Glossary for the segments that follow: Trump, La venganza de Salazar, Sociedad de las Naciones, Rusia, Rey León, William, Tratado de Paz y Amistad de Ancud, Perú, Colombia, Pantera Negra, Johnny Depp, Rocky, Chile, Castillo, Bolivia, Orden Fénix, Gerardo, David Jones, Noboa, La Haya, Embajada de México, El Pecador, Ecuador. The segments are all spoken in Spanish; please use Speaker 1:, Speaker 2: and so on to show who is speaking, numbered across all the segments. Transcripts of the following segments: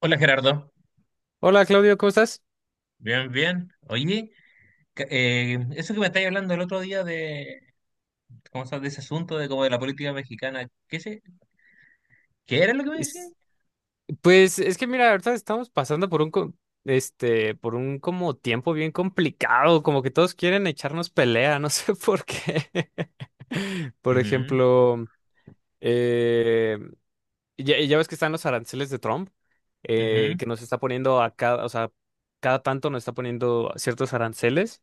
Speaker 1: Hola, Gerardo.
Speaker 2: Hola Claudio, ¿cómo estás?
Speaker 1: Bien, bien. Oye, eso que me estáis hablando el otro día de, ¿cómo se llama? De ese asunto de como de la política mexicana, ¿qué, se, qué era lo que me decías?
Speaker 2: Es- Pues es que mira, ahorita estamos pasando por un por un como tiempo bien complicado, como que todos quieren echarnos pelea, no sé por qué. Por
Speaker 1: Ujú,
Speaker 2: ejemplo, eh, ya ves que están los aranceles de Trump,
Speaker 1: ujú,
Speaker 2: que nos está poniendo a cada, o sea, cada tanto nos está poniendo ciertos aranceles.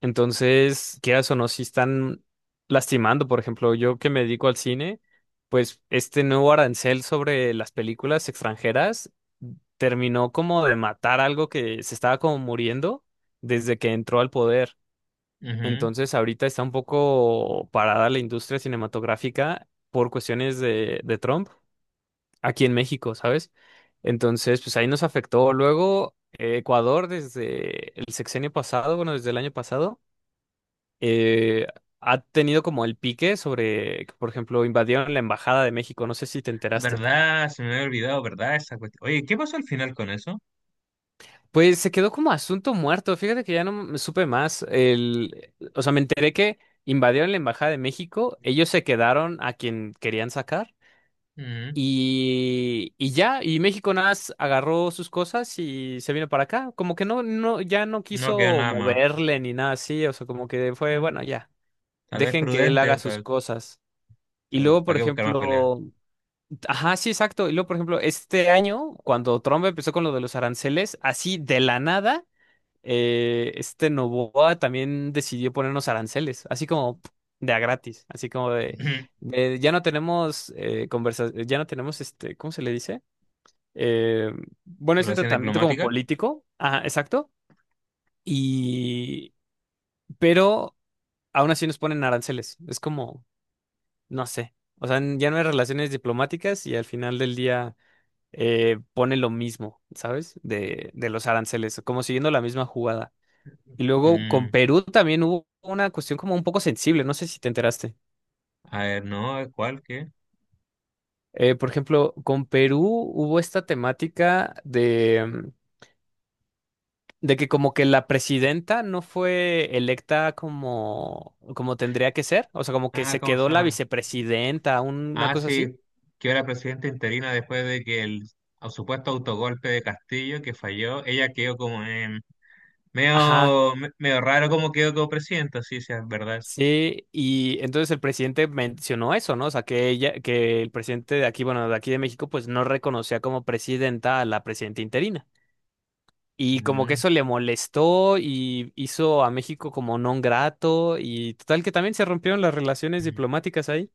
Speaker 2: Entonces, quieras o no, si están lastimando, por ejemplo, yo que me dedico al cine, pues este nuevo arancel sobre las películas extranjeras terminó como de matar algo que se estaba como muriendo desde que entró al poder.
Speaker 1: ujú.
Speaker 2: Entonces, ahorita está un poco parada la industria cinematográfica por cuestiones de Trump aquí en México, ¿sabes? Entonces, pues ahí nos afectó. Luego, Ecuador desde el sexenio pasado, bueno, desde el año pasado eh, ha tenido como el pique sobre que, por ejemplo, invadieron la Embajada de México. No sé si te enteraste.
Speaker 1: ¿Verdad? Se me había olvidado, ¿verdad? Esa cuestión. Oye, ¿qué pasó al final con eso?
Speaker 2: Pues se quedó como asunto muerto. Fíjate que ya no me supe más. El, o sea, me enteré que invadieron la Embajada de México. Ellos se quedaron a quien querían sacar.
Speaker 1: Ujú.
Speaker 2: Y ya, y México nada más agarró sus cosas y se vino para acá. Como que no, no, ya no
Speaker 1: No quedó
Speaker 2: quiso
Speaker 1: nada más.
Speaker 2: moverle ni nada así. O sea, como que fue,
Speaker 1: Ah,
Speaker 2: bueno, ya,
Speaker 1: tal vez
Speaker 2: dejen que él haga
Speaker 1: prudente,
Speaker 2: sus
Speaker 1: ¿para
Speaker 2: cosas. Y luego, por
Speaker 1: qué buscar más peleas?
Speaker 2: ejemplo, ajá, sí, exacto. Y luego, por ejemplo, este año, cuando Trump empezó con lo de los aranceles, así de la nada, este Noboa también decidió ponernos aranceles, así como pf, de a gratis, así como de ya no tenemos ya no tenemos este, ¿cómo se le dice? Eh, bueno, este
Speaker 1: ¿Relación
Speaker 2: tratamiento como
Speaker 1: diplomática?
Speaker 2: político, ajá, exacto. Y, pero aún así nos ponen aranceles. Es como, no sé. O sea, ya no hay relaciones diplomáticas y al final del día. Pone lo mismo, ¿sabes? De los aranceles, como siguiendo la misma jugada. Y luego con
Speaker 1: Mm,
Speaker 2: Perú también hubo una cuestión como un poco sensible, no sé si te enteraste.
Speaker 1: a ver, no, ¿cuál? ¿Qué?
Speaker 2: Por ejemplo, con Perú hubo esta temática de, de que como que la presidenta no fue electa como, como tendría que ser, o sea, como que
Speaker 1: Ah,
Speaker 2: se
Speaker 1: ¿cómo
Speaker 2: quedó
Speaker 1: se
Speaker 2: la
Speaker 1: llama?
Speaker 2: vicepresidenta, una
Speaker 1: Ah,
Speaker 2: cosa así.
Speaker 1: sí, que era presidenta interina después de que el supuesto autogolpe de Castillo que falló, ella quedó como
Speaker 2: Ajá,
Speaker 1: medio, medio raro como quedó como presidenta. Sí, sí, es verdad, eso.
Speaker 2: sí, y entonces el presidente mencionó eso, ¿no? O sea, que ella, que el presidente de aquí, bueno, de aquí de México, pues no reconocía como presidenta a la presidenta interina. Y como que
Speaker 1: Mm,
Speaker 2: eso le molestó y hizo a México como non grato y total que también se rompieron las relaciones
Speaker 1: mm,
Speaker 2: diplomáticas ahí.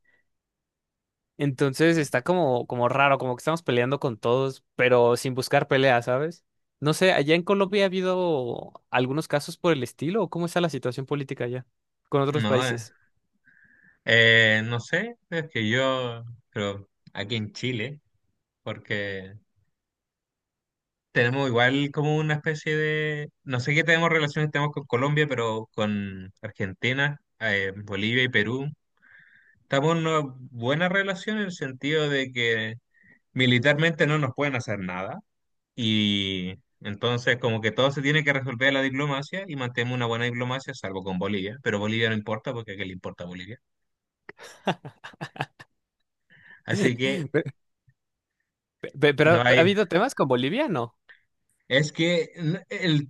Speaker 2: Entonces está como, como raro, como que estamos peleando con todos, pero sin buscar pelea, ¿sabes? No sé, allá en Colombia ha habido algunos casos por el estilo, ¿o cómo está la situación política allá con otros
Speaker 1: no,
Speaker 2: países?
Speaker 1: no sé, es que yo, pero aquí en Chile, porque tenemos igual como una especie de, no sé qué tenemos, relaciones tenemos con Colombia, pero con Argentina, Bolivia y Perú, estamos en una buena relación en el sentido de que militarmente no nos pueden hacer nada, y entonces como que todo se tiene que resolver en la diplomacia, y mantenemos una buena diplomacia salvo con Bolivia. Pero Bolivia no importa, porque ¿a qué le importa a Bolivia? Así que
Speaker 2: Pero pero ha
Speaker 1: no
Speaker 2: ha
Speaker 1: hay.
Speaker 2: habido temas con Bolivia, ¿no?
Speaker 1: Es que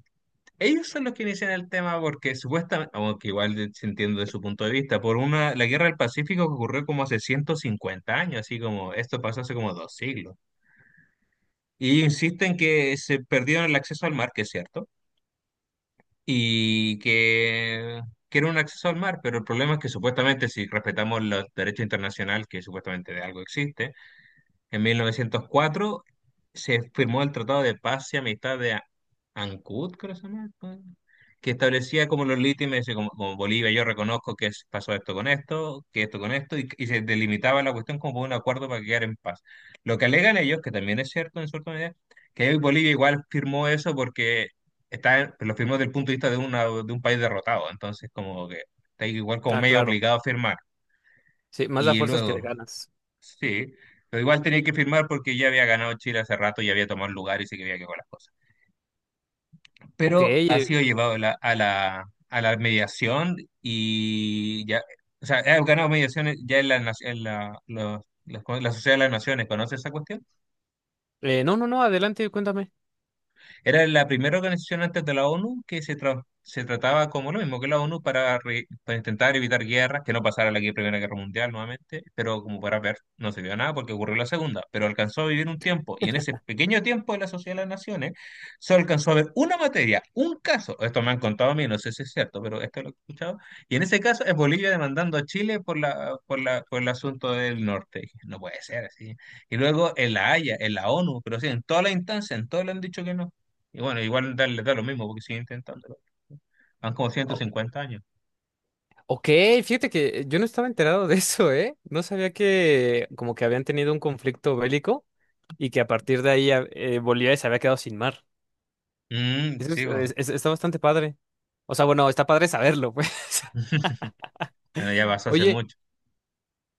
Speaker 1: ellos son los que inician el tema porque supuestamente, aunque igual se entiende de su punto de vista, por una, la guerra del Pacífico, que ocurrió como hace 150 años, así como esto pasó hace como dos siglos. Y insisten que se perdieron el acceso al mar, que es cierto, y que era un acceso al mar, pero el problema es que supuestamente si respetamos los derechos internacional, que supuestamente de algo existe, en 1904 se firmó el Tratado de Paz y Amistad de Ancud, creo que se llama, ¿no?, que establecía como los límites, así como, como Bolivia, yo reconozco que pasó esto con esto, que esto con esto, y se delimitaba la cuestión como por un acuerdo para quedar en paz. Lo que alegan ellos, que también es cierto en cierta medida, que Bolivia igual firmó eso porque está, lo firmó desde el punto de vista de, una, de un país derrotado, entonces como que está igual como
Speaker 2: Ah,
Speaker 1: medio
Speaker 2: claro.
Speaker 1: obligado a firmar.
Speaker 2: Sí, más da
Speaker 1: Y
Speaker 2: fuerzas que de
Speaker 1: luego,
Speaker 2: ganas.
Speaker 1: sí, pero igual tenía que firmar porque ya había ganado Chile hace rato y había tomado el lugar y se quería que con las cosas.
Speaker 2: Ok,
Speaker 1: Pero ha sido llevado a la, a la, a la mediación y ya, o sea, ha ganado mediaciones ya en la, en la, la Sociedad de las Naciones. ¿Conoce esa cuestión?
Speaker 2: no, no, no, adelante, cuéntame.
Speaker 1: Era la primera organización antes de la ONU, que se, se trataba como lo mismo que la ONU, para, para intentar evitar guerras, que no pasara la Primera Guerra Mundial nuevamente, pero como para ver, no se vio nada porque ocurrió la Segunda, pero alcanzó a vivir un tiempo, y en ese pequeño tiempo de la Sociedad de las Naciones solo alcanzó a ver una materia, un caso, esto me han contado a mí, no sé si es cierto, pero esto lo he escuchado, y en ese caso es Bolivia demandando a Chile por la, por la, por el asunto del norte. Dije, no puede ser así. Y luego en la Haya, en la ONU, pero sí, en todas las instancias, en todo le han dicho que no. Y bueno, igual da, le da lo mismo porque sigue intentándolo. Van como ciento
Speaker 2: O-
Speaker 1: cincuenta años.
Speaker 2: ok, fíjate que yo no estaba enterado de eso, ¿eh? No sabía que como que habían tenido un conflicto bélico y que a partir de ahí Bolivia se había quedado sin mar.
Speaker 1: Mm,
Speaker 2: Eso es-
Speaker 1: sí, pues.
Speaker 2: es- es- está bastante padre. O sea, bueno, está padre saberlo, pues.
Speaker 1: Bueno, ya pasó hace
Speaker 2: Oye,
Speaker 1: mucho.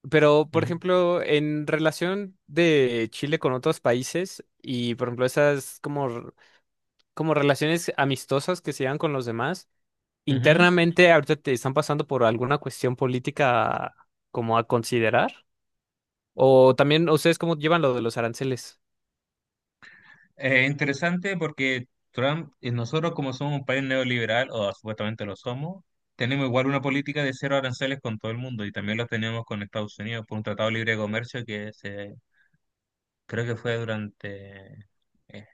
Speaker 2: pero por
Speaker 1: Ujú,
Speaker 2: ejemplo, en relación de Chile con otros países y por ejemplo esas como relaciones amistosas que se llevan con los demás.
Speaker 1: ujú.
Speaker 2: Internamente, ahorita te están pasando por alguna cuestión política como a considerar. O también, ¿ustedes cómo llevan lo de los aranceles?
Speaker 1: Interesante, porque Trump, nosotros como somos un país neoliberal, o supuestamente lo somos, tenemos igual una política de cero aranceles con todo el mundo, y también lo tenemos con Estados Unidos por un tratado libre de comercio que se, creo que fue durante eh,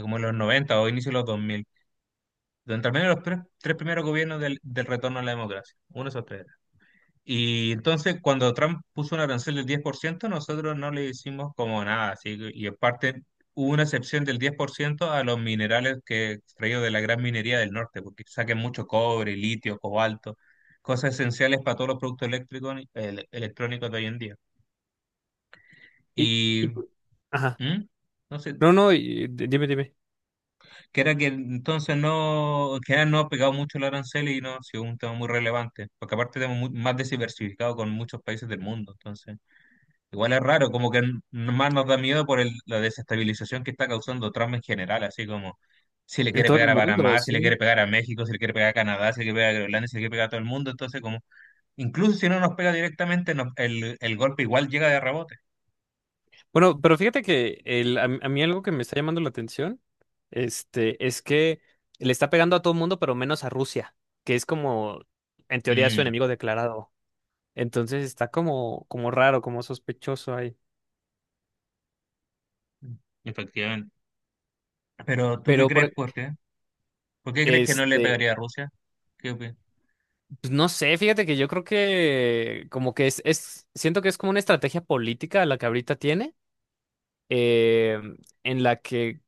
Speaker 1: como en los 90 o inicio de los dos mil, durante al menos los tres, tres primeros gobiernos del, del retorno a la democracia, uno de esos tres. Y entonces cuando Trump puso una arancel del 10%, nosotros no le hicimos como nada, así y aparte hubo una excepción del 10% a los minerales que extraídos de la gran minería del norte, porque saquen mucho cobre, litio, cobalto, cosas esenciales para todos los productos eléctricos, electrónicos de hoy en día.
Speaker 2: Y,
Speaker 1: Y
Speaker 2: y- ajá.
Speaker 1: ¿mm? No sé,
Speaker 2: No, no, dime, dime.
Speaker 1: que era que entonces no, que era no ha pegado mucho el arancel y no ha sido un tema muy relevante, porque aparte tenemos más diversificado con muchos países del mundo, entonces. Igual es raro, como que más nos da miedo por la desestabilización que está causando Trump en general, así como si le
Speaker 2: En
Speaker 1: quiere
Speaker 2: todo el
Speaker 1: pegar a
Speaker 2: mundo,
Speaker 1: Panamá, si le
Speaker 2: sí.
Speaker 1: quiere pegar a México, si le quiere pegar a Canadá, si le quiere pegar a Groenlandia, si le quiere pegar a todo el mundo, entonces como, incluso si no nos pega directamente, el golpe igual llega de rebote.
Speaker 2: Bueno, pero fíjate que el, a mí algo que me está llamando la atención, este, es que le está pegando a todo el mundo, pero menos a Rusia, que es como, en teoría, su
Speaker 1: Mm,
Speaker 2: enemigo declarado. Entonces está como, como raro, como sospechoso ahí.
Speaker 1: efectivamente. Pero ¿tú qué
Speaker 2: Pero por,
Speaker 1: crees? ¿Por qué? ¿Por qué crees que no le
Speaker 2: este,
Speaker 1: pegaría a Rusia? ¿Qué opinas?
Speaker 2: pues, no sé, fíjate que yo creo que como que siento que es como una estrategia política la que ahorita tiene, eh, en la que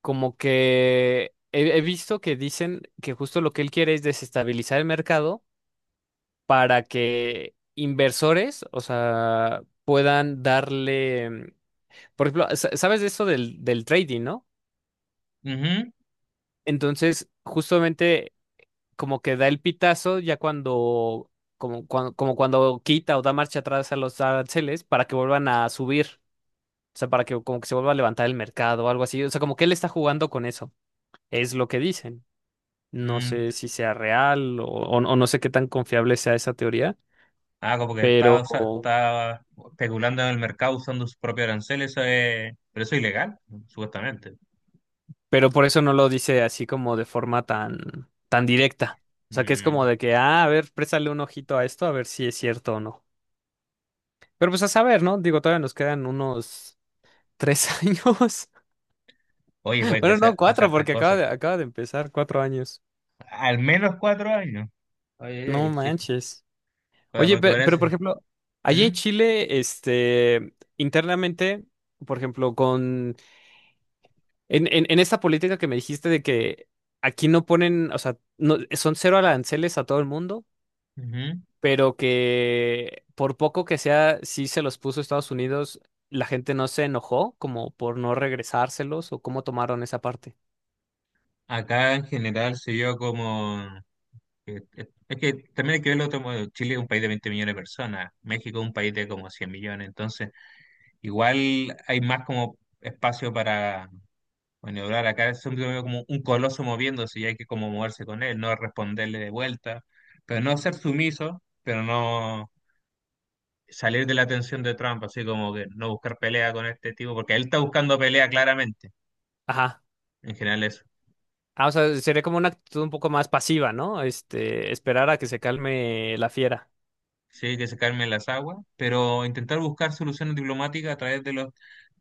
Speaker 2: como que he visto que dicen que justo lo que él quiere es desestabilizar el mercado para que inversores, o sea, puedan darle, mm, por ejemplo, sabes de eso del trading, ¿no?
Speaker 1: Ujú,
Speaker 2: Entonces, justamente como que da el pitazo ya cuando, como cuando, como cuando quita o da marcha atrás a los aranceles para que vuelvan a subir, o sea, para que como que se vuelva a levantar el mercado o algo así, o sea, como que él está jugando con eso, es lo que dicen. No
Speaker 1: mm,
Speaker 2: sé si sea real o no sé qué tan confiable sea esa teoría,
Speaker 1: ah, como que está,
Speaker 2: pero,
Speaker 1: está especulando en el mercado usando sus propios aranceles, eso pero eso es ilegal, supuestamente.
Speaker 2: pero por eso no lo dice así como de forma tan, tan directa. O sea, que es como
Speaker 1: Mm,
Speaker 2: de que, ah, a ver, préstale un ojito a esto, a ver si es cierto o no. Pero pues a saber, ¿no? Digo, todavía nos quedan unos ¿tres años?
Speaker 1: oye, pueden que
Speaker 2: Bueno, no,
Speaker 1: pasar
Speaker 2: cuatro,
Speaker 1: estas
Speaker 2: porque
Speaker 1: cosas.
Speaker 2: acaba de empezar, cuatro años.
Speaker 1: Al menos 4 años. Oye, oye,
Speaker 2: No
Speaker 1: oye, sí.
Speaker 2: manches.
Speaker 1: Oye,
Speaker 2: Oye,
Speaker 1: porque
Speaker 2: pero, por
Speaker 1: parece.
Speaker 2: ejemplo, allí en
Speaker 1: ¿Mm?
Speaker 2: Chile, este, internamente, por ejemplo, en esta política que me dijiste de que aquí no ponen, o sea, no, son cero aranceles a todo el mundo,
Speaker 1: Ujú.
Speaker 2: pero que por poco que sea, sí se los puso Estados Unidos, la gente no se enojó como por no regresárselos o cómo tomaron esa parte.
Speaker 1: Acá en general se vio como, es que también hay que verlo como Chile es un país de 20 millones de personas, México es un país de como 100 millones, entonces igual hay más como espacio para maniobrar. Acá es como un coloso moviéndose, y hay que como moverse con él, no responderle de vuelta, pero no ser sumiso, pero no salir de la tensión de Trump, así como que no buscar pelea con este tipo, porque él está buscando pelea claramente,
Speaker 2: Ajá.
Speaker 1: en general eso.
Speaker 2: Ah, o sea, sería como una actitud un poco más pasiva, ¿no? Este, esperar a que se calme la fiera.
Speaker 1: Sí, que se calmen las aguas, pero intentar buscar soluciones diplomáticas a través de los...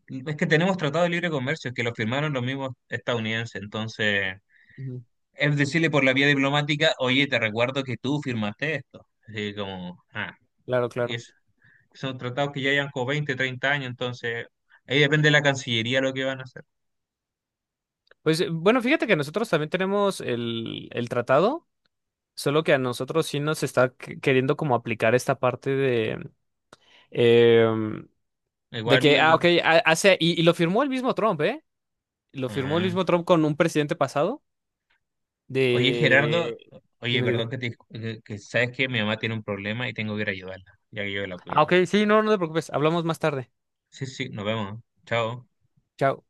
Speaker 1: Es que tenemos tratados de libre comercio que los firmaron los mismos estadounidenses, entonces
Speaker 2: Ujú.
Speaker 1: es decirle por la vía diplomática, oye, te recuerdo que tú firmaste esto. Así como, ah,
Speaker 2: Claro,
Speaker 1: y
Speaker 2: claro.
Speaker 1: son tratados que ya llevan como 20, 30 años, entonces ahí depende de la Cancillería lo que van a hacer.
Speaker 2: Pues bueno, fíjate que nosotros también tenemos el tratado, solo que a nosotros sí nos está queriendo como aplicar esta parte de, em, de
Speaker 1: Igual,
Speaker 2: que, ah,
Speaker 1: el-
Speaker 2: ok, y lo firmó el mismo Trump, ¿eh? Lo firmó el
Speaker 1: ah.
Speaker 2: mismo Trump con un presidente pasado
Speaker 1: Oye, Gerardo,
Speaker 2: de...
Speaker 1: oye,
Speaker 2: Dime,
Speaker 1: perdón
Speaker 2: dime.
Speaker 1: que te, que sabes que mi mamá tiene un problema y tengo que ir a ayudarla, ya que yo la
Speaker 2: Ah, ok,
Speaker 1: cuido.
Speaker 2: sí, no, no te preocupes, hablamos más tarde.
Speaker 1: Sí, sí, nos vemos. Chao.
Speaker 2: Chao.